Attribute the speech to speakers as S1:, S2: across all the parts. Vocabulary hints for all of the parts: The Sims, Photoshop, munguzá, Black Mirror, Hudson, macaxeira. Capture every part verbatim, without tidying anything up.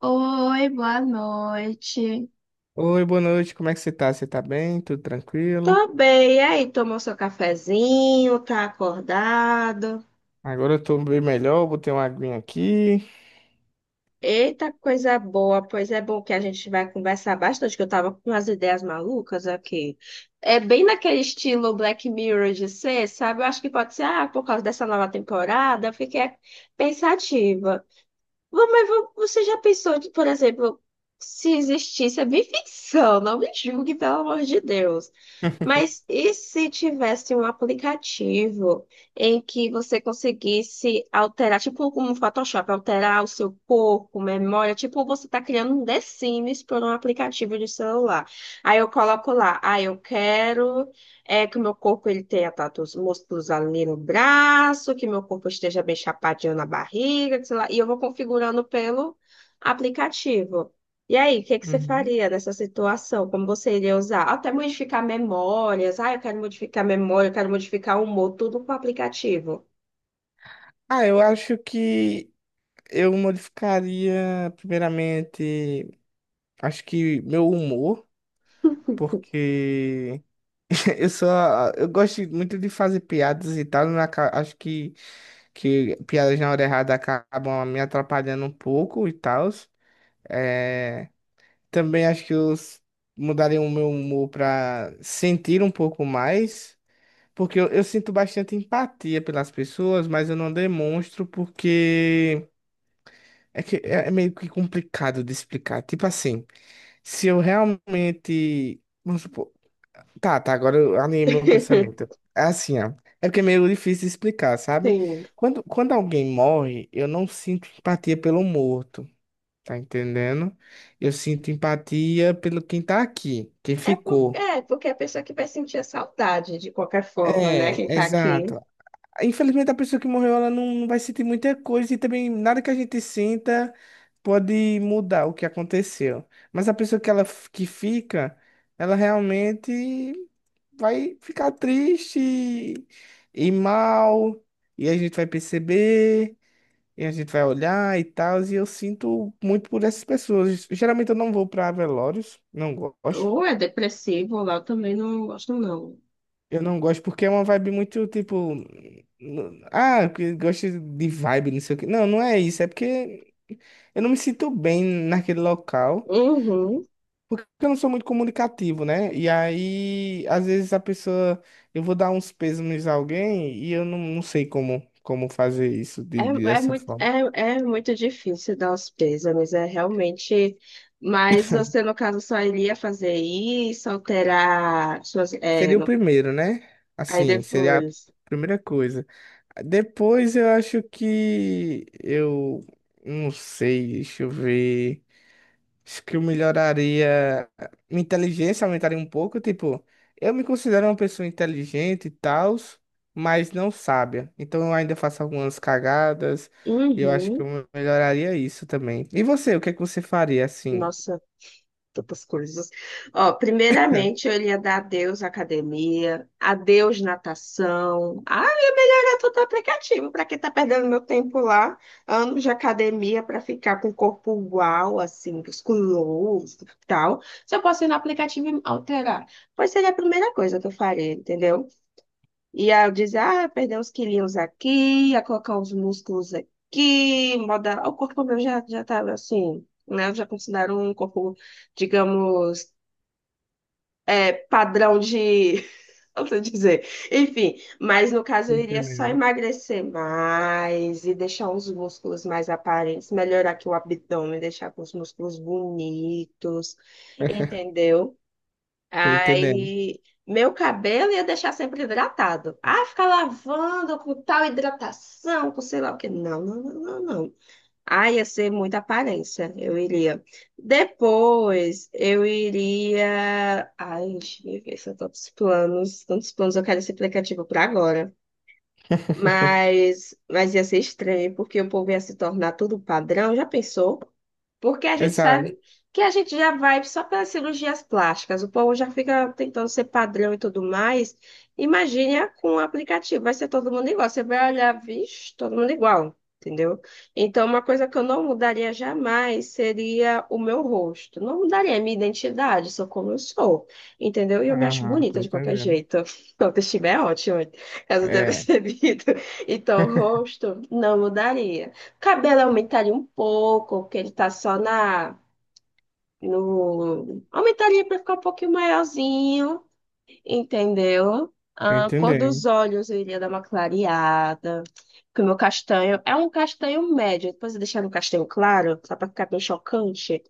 S1: Oi, boa noite.
S2: Oi, boa noite, como é que você tá? Você tá bem? Tudo tranquilo?
S1: Tô bem, e aí? Tomou seu cafezinho? Tá acordado?
S2: Agora eu tô bem melhor, botei uma aguinha aqui.
S1: Eita, coisa boa! Pois é bom que a gente vai conversar bastante, que eu tava com umas ideias malucas aqui. É bem naquele estilo Black Mirror de ser, sabe? Eu acho que pode ser, ah, por causa dessa nova temporada, eu fiquei pensativa. Vô, mas vo- você já pensou, de, por exemplo, se existisse, é bem ficção, não me julgue, pelo amor de Deus. Mas e se tivesse um aplicativo em que você conseguisse alterar, tipo como o Photoshop, alterar o seu corpo, memória, tipo você está criando um The Sims por um aplicativo de celular. Aí eu coloco lá, ah, eu quero é que o meu corpo ele tenha tantos músculos ali no braço, que meu corpo esteja bem chapadinho na barriga, que sei lá, e eu vou configurando pelo aplicativo. E aí, o que que você
S2: Uhum.
S1: faria nessa situação? Como você iria usar? Até modificar memórias. Ah, eu quero modificar memória, eu quero modificar o humor, tudo com o aplicativo.
S2: Ah, eu acho que eu modificaria, primeiramente, acho que meu humor, porque eu só, eu gosto muito de fazer piadas e tal, na ca- acho que, que piadas na hora errada acabam me atrapalhando um pouco e tal. É, Também acho que eu s- mudaria o meu humor para sentir um pouco mais, porque eu, eu sinto bastante empatia pelas pessoas, mas eu não demonstro porque é que é é meio que complicado de explicar. Tipo assim, se eu realmente, vamos supor, tá, tá, agora eu alinhei meu pensamento. É assim, ó, é porque é meio difícil de explicar, sabe?
S1: Sim.
S2: Quando, quando alguém morre, eu não sinto empatia pelo morto. Tá entendendo? Eu sinto empatia pelo quem tá aqui, quem
S1: É porque,
S2: ficou.
S1: é porque a pessoa que vai sentir a saudade de qualquer forma, né?
S2: É,
S1: Quem tá aqui.
S2: exato. Infelizmente, a pessoa que morreu, ela não, não vai sentir muita coisa e também nada que a gente sinta pode mudar o que aconteceu. Mas a pessoa que ela f- que fica, ela realmente vai ficar triste e mal, e a gente vai perceber. E a gente vai olhar e tal, e eu sinto muito por essas pessoas. Geralmente eu não vou pra velórios, não gosto.
S1: Ou é depressivo, ou lá eu também não gosto, não.
S2: Eu não gosto porque é uma vibe muito tipo. n- Ah, que gosto de vibe, não sei o quê. Não, não é isso. É porque eu não me sinto bem naquele local.
S1: Uhum.
S2: Porque eu não sou muito comunicativo, né? E aí, às vezes a pessoa. Eu vou dar uns pêsames a alguém e eu não, não sei como, como fazer isso de,
S1: É, é
S2: dessa
S1: muito,
S2: forma.
S1: é, é muito difícil dar os pêsames, é realmente. Mas você, no caso, só iria fazer isso, alterar suas. É,
S2: Seria o
S1: no...
S2: primeiro, né?
S1: Aí
S2: Assim, seria a
S1: depois.
S2: primeira coisa. Depois eu acho que eu não sei, deixa eu ver. Acho que eu melhoraria minha inteligência, aumentaria um pouco, tipo, eu me considero uma pessoa inteligente e tal, mas não sábia. Então eu ainda faço algumas cagadas e eu acho que
S1: Uhum.
S2: eu melhoraria isso também. E você, o que é que você faria assim?
S1: Nossa, tantas coisas. Ó, primeiramente, eu iria dar adeus à academia, adeus natação, direto do aplicativo, para quem tá perdendo meu tempo lá, anos de academia para ficar com o corpo uau, assim, musculoso e tal. Se eu posso ir no aplicativo e me alterar, pois seria a primeira coisa que eu faria, entendeu? Ia dizer, ah, perder uns quilinhos aqui, ia colocar uns músculos aqui, moda... o corpo meu já, já tava assim, né? Eu já considero um corpo, digamos, é, padrão de posso dizer. Enfim, mas no caso
S2: Tô
S1: eu iria só
S2: entendendo.
S1: emagrecer mais e deixar uns músculos mais aparentes, melhorar aqui o abdômen, deixar com os músculos bonitos, entendeu?
S2: Tô entendendo.
S1: Aí, meu cabelo ia deixar sempre hidratado. Ah, ficar lavando com tal hidratação, com sei lá o quê. Não, não, não, não, não. Ah, ia ser muita aparência, eu iria. Depois, eu iria. Ai, deixa eu ver se eu tô com os planos. Tantos planos, eu quero esse aplicativo para agora. Mas, mas ia ser estranho, porque o povo ia se tornar tudo padrão, já pensou? Porque a gente sabe
S2: Exato.
S1: que a gente já vai só pelas cirurgias plásticas, o povo já fica tentando ser padrão e tudo mais. Imagine a- com o aplicativo, vai ser todo mundo igual. Você vai olhar, vixe, todo mundo igual, entendeu? Então, uma coisa que eu não mudaria jamais seria o meu rosto. Não mudaria a minha identidade, sou como eu sou, entendeu? E eu me acho
S2: Aham,
S1: bonita
S2: tô
S1: de qualquer
S2: entendendo.
S1: jeito. Então, o autoestima é ótimo. Caso tenha
S2: É,
S1: percebido. Então, o rosto não mudaria. O cabelo aumentaria um pouco, porque ele tá só na. No... Aumentaria para ficar um pouquinho maiorzinho, entendeu?
S2: tô
S1: A cor dos
S2: entendendo.
S1: olhos eu iria dar uma clareada. Porque o meu castanho é um castanho médio. Depois eu deixar no castanho claro, só para ficar bem chocante.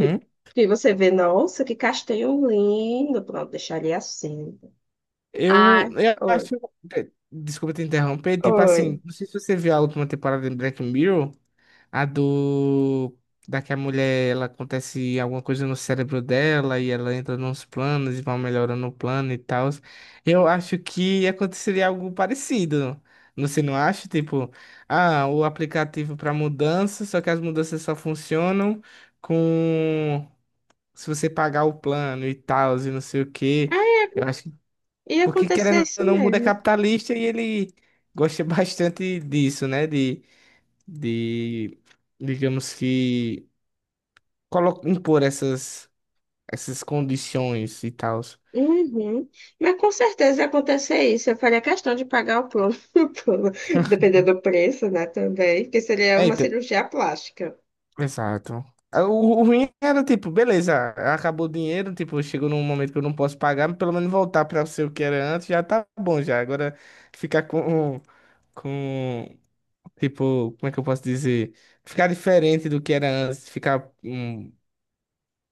S1: E e você vê, nossa, que castanho lindo. Pronto, deixaria assim.
S2: Eu,
S1: Ai,
S2: eu
S1: oi,
S2: acho. Desculpa te interromper. Tipo
S1: oi.
S2: assim, não sei se você viu a última temporada de Black Mirror, a do. Da que a mulher, ela acontece alguma coisa no cérebro dela e ela entra nos planos e vai melhorando o plano e tal. Eu acho que aconteceria algo parecido. Você não acha? Tipo, ah, o aplicativo para mudança, só que as mudanças só funcionam com. Se você pagar o plano e tal, e não sei o quê. Eu
S1: É,
S2: acho que,
S1: ia
S2: porque
S1: acontecer
S2: querendo
S1: isso
S2: ou não, o mundo é
S1: mesmo.
S2: capitalista e ele gosta bastante disso, né? De, de digamos que, colo- impor essas, essas condições e tal.
S1: Uhum. Mas com certeza ia acontecer isso. Eu faria questão de pagar o plano, o plano, dependendo do preço, né? Também, porque seria
S2: É,
S1: uma
S2: então,
S1: cirurgia plástica.
S2: exato. Ah, O, o ruim era, tipo, beleza, acabou o dinheiro, tipo, chegou num momento que eu não posso pagar, mas pelo menos voltar para ser o que era antes já tá bom já. Agora ficar com, com tipo, como é que eu posso dizer? Ficar diferente do que era antes, ficar hum,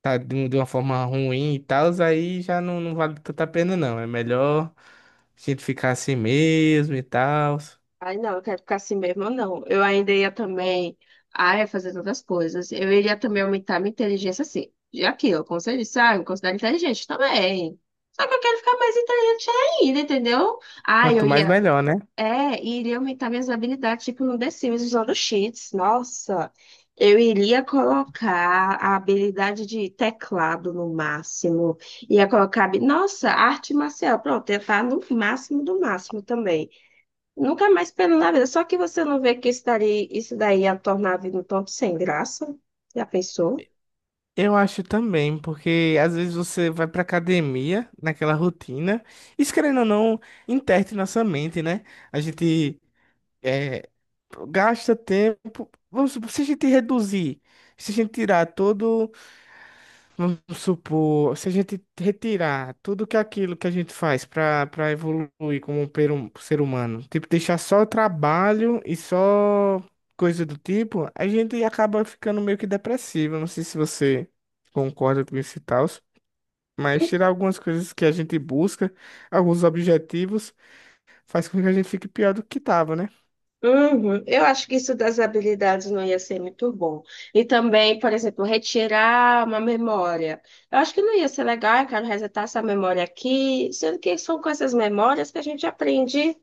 S2: tá, de um- de uma forma ruim e tal, aí já não, não vale tanta pena, não. É melhor a gente ficar assim mesmo e tal.
S1: Ai, não, eu quero ficar assim mesmo, não. Eu ainda ia também. Ah, ia fazer tantas coisas. Eu iria também aumentar minha inteligência, assim. E aquilo, como você disse, ah, eu me considero inteligente também. Só que eu quero ficar mais inteligente ainda, entendeu? Ah,
S2: Quanto
S1: eu
S2: mais,
S1: ia.
S2: melhor, né?
S1: É, e iria aumentar minhas habilidades, tipo no The Sims, usando cheats. Nossa, eu iria colocar a habilidade de teclado no máximo. Ia colocar, habi- nossa, arte marcial. Pronto, ia estar no máximo do máximo também. Nunca mais pelo na vida. Só que você não vê que isso daí, isso daí ia tornar a vida um tanto sem graça. Já pensou?
S2: Eu acho também, porque às vezes você vai pra academia, naquela rotina, isso querendo ou não, interte nossa mente, né? A gente é, gasta tempo. Vamos supor, se a gente reduzir, se a gente tirar todo. Vamos supor, se a gente retirar tudo que aquilo que a gente faz para para evoluir como um per- um ser humano, tipo, deixar só trabalho e só coisa do tipo, a gente acaba ficando meio que depressivo. Não sei se você concorda com isso e tal, mas tirar algumas coisas que a gente busca, alguns objetivos, faz com que a gente fique pior do que tava, né?
S1: Uhum. Eu acho que isso das habilidades não ia ser muito bom. E também, por exemplo, retirar uma memória. Eu acho que não ia ser legal, eu quero resetar essa memória aqui, sendo que são com essas memórias que a gente aprende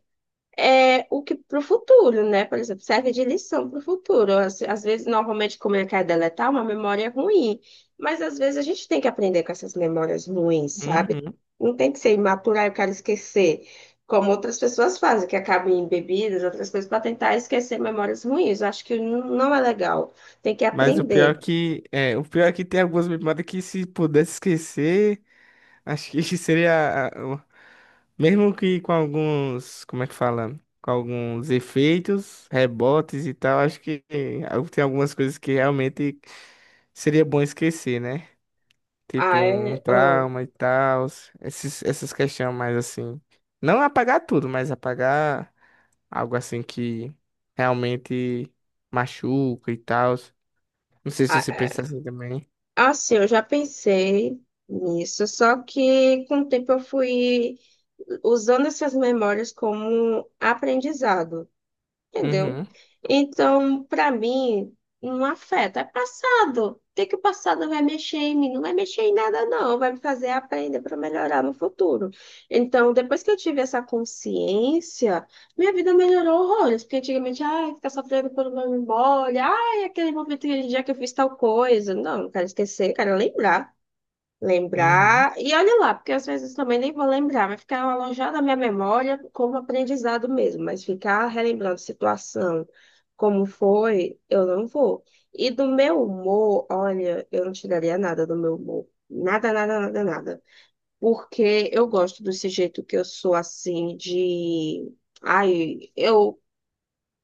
S1: é o que para o futuro, né? Por exemplo, serve de lição para o futuro. Às, às vezes, normalmente, como ele quer deletar, uma memória ruim, mas às vezes a gente tem que aprender com essas memórias ruins, sabe?
S2: Uhum.
S1: Não tem que ser imatura, "Ah, eu quero esquecer, como outras pessoas fazem, que acabam em bebidas, outras coisas, para tentar esquecer memórias ruins. Eu acho que não não é legal. Tem que
S2: Mas o pior
S1: aprender.
S2: é que é, o pior é que tem algumas memórias que se pudesse esquecer. Acho que seria, a- o- mesmo que com alguns, como é que fala? Com alguns efeitos, rebotes e tal, acho que al- tem algumas coisas que realmente seria bom esquecer, né? Tipo
S1: Ah,
S2: um
S1: é,
S2: trauma e tal, esses, essas questões mais assim. Não apagar tudo, mas apagar algo assim que realmente machuca e tal. Não sei se
S1: ah,
S2: você
S1: é,
S2: pensa assim também.
S1: assim, eu já pensei nisso, só que com o tempo eu fui usando essas memórias como aprendizado, entendeu?
S2: Uhum,
S1: Então, para mim, não afeta. É passado. O que que o passado vai mexer em mim? Não vai mexer em nada, não. Vai me fazer aprender para melhorar no futuro. Então, depois que eu tive essa consciência, minha vida melhorou horrores. Porque antigamente, ai, ficar sofrendo por uma memória, ai, aquele momento, aquele dia que eu fiz tal coisa. Não, não quero esquecer, quero lembrar.
S2: uhum,
S1: Lembrar, e olha lá, porque às vezes também nem vou lembrar, vai ficar alojado na minha memória como aprendizado mesmo, mas ficar relembrando situação, como foi, eu não vou. E do meu humor, olha, eu não tiraria nada do meu humor. Nada, nada, nada, nada. Porque eu gosto desse jeito que eu sou assim, de. Ai, eu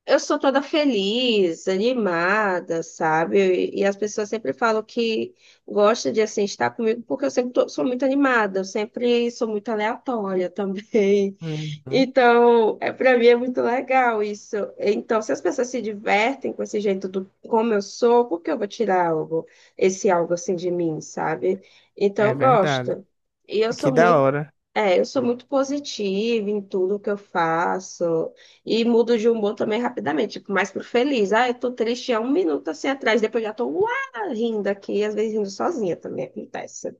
S1: eu sou toda feliz, animada, sabe? E, e as pessoas sempre falam que gostam de assim estar comigo porque eu sempre tô- sou muito animada, eu sempre sou muito aleatória também.
S2: uhum.
S1: Então, é para mim é muito legal isso. Então, se as pessoas se divertem com esse jeito do como eu sou, por que eu vou tirar algo, esse algo assim de mim, sabe? Então,
S2: É
S1: eu
S2: verdade.
S1: gosto. E eu
S2: Que
S1: sou
S2: da
S1: muito
S2: hora.
S1: é, eu sou muito positiva em tudo que eu faço e mudo de humor também rapidamente, tipo, mais pro feliz. Ah, eu tô triste há um minuto assim atrás, depois já tô uá, rindo aqui, às vezes rindo sozinha também acontece,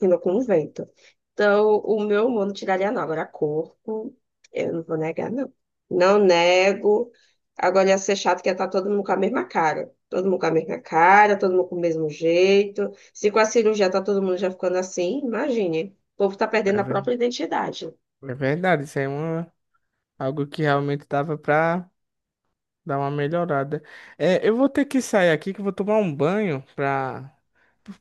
S1: rindo com o vento. Então, o meu humor não tiraria não. Agora, corpo, eu não vou negar, não. Não nego. Agora ia ser chato que ia estar todo mundo com a mesma cara. Todo mundo com a mesma cara, todo mundo com o mesmo jeito. Se com a cirurgia tá todo mundo já ficando assim, imagine. O povo está
S2: É
S1: perdendo a
S2: ver-
S1: própria identidade.
S2: é verdade, isso é uma, algo que realmente dava pra dar uma melhorada. É, eu vou ter que sair aqui que eu vou tomar um banho pra,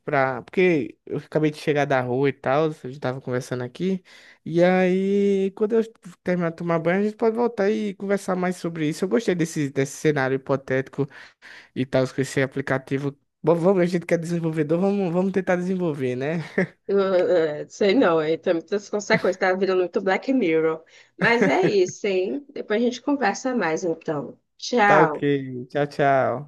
S2: pra, porque eu acabei de chegar da rua e tal, a gente tava conversando aqui. E aí, quando eu terminar de tomar banho, a gente pode voltar e conversar mais sobre isso. Eu gostei desse, desse cenário hipotético e tal, com esse aplicativo. Bom, vamos, a gente quer desenvolvedor, vamos, vamos tentar desenvolver, né?
S1: Eu, eh, eh, sei não, aí tem muitas consequências, tá virando muito Black Mirror. Mas é isso, hein? Depois a gente conversa mais, então.
S2: Tá ok.
S1: Tchau.
S2: Tchau, tchau.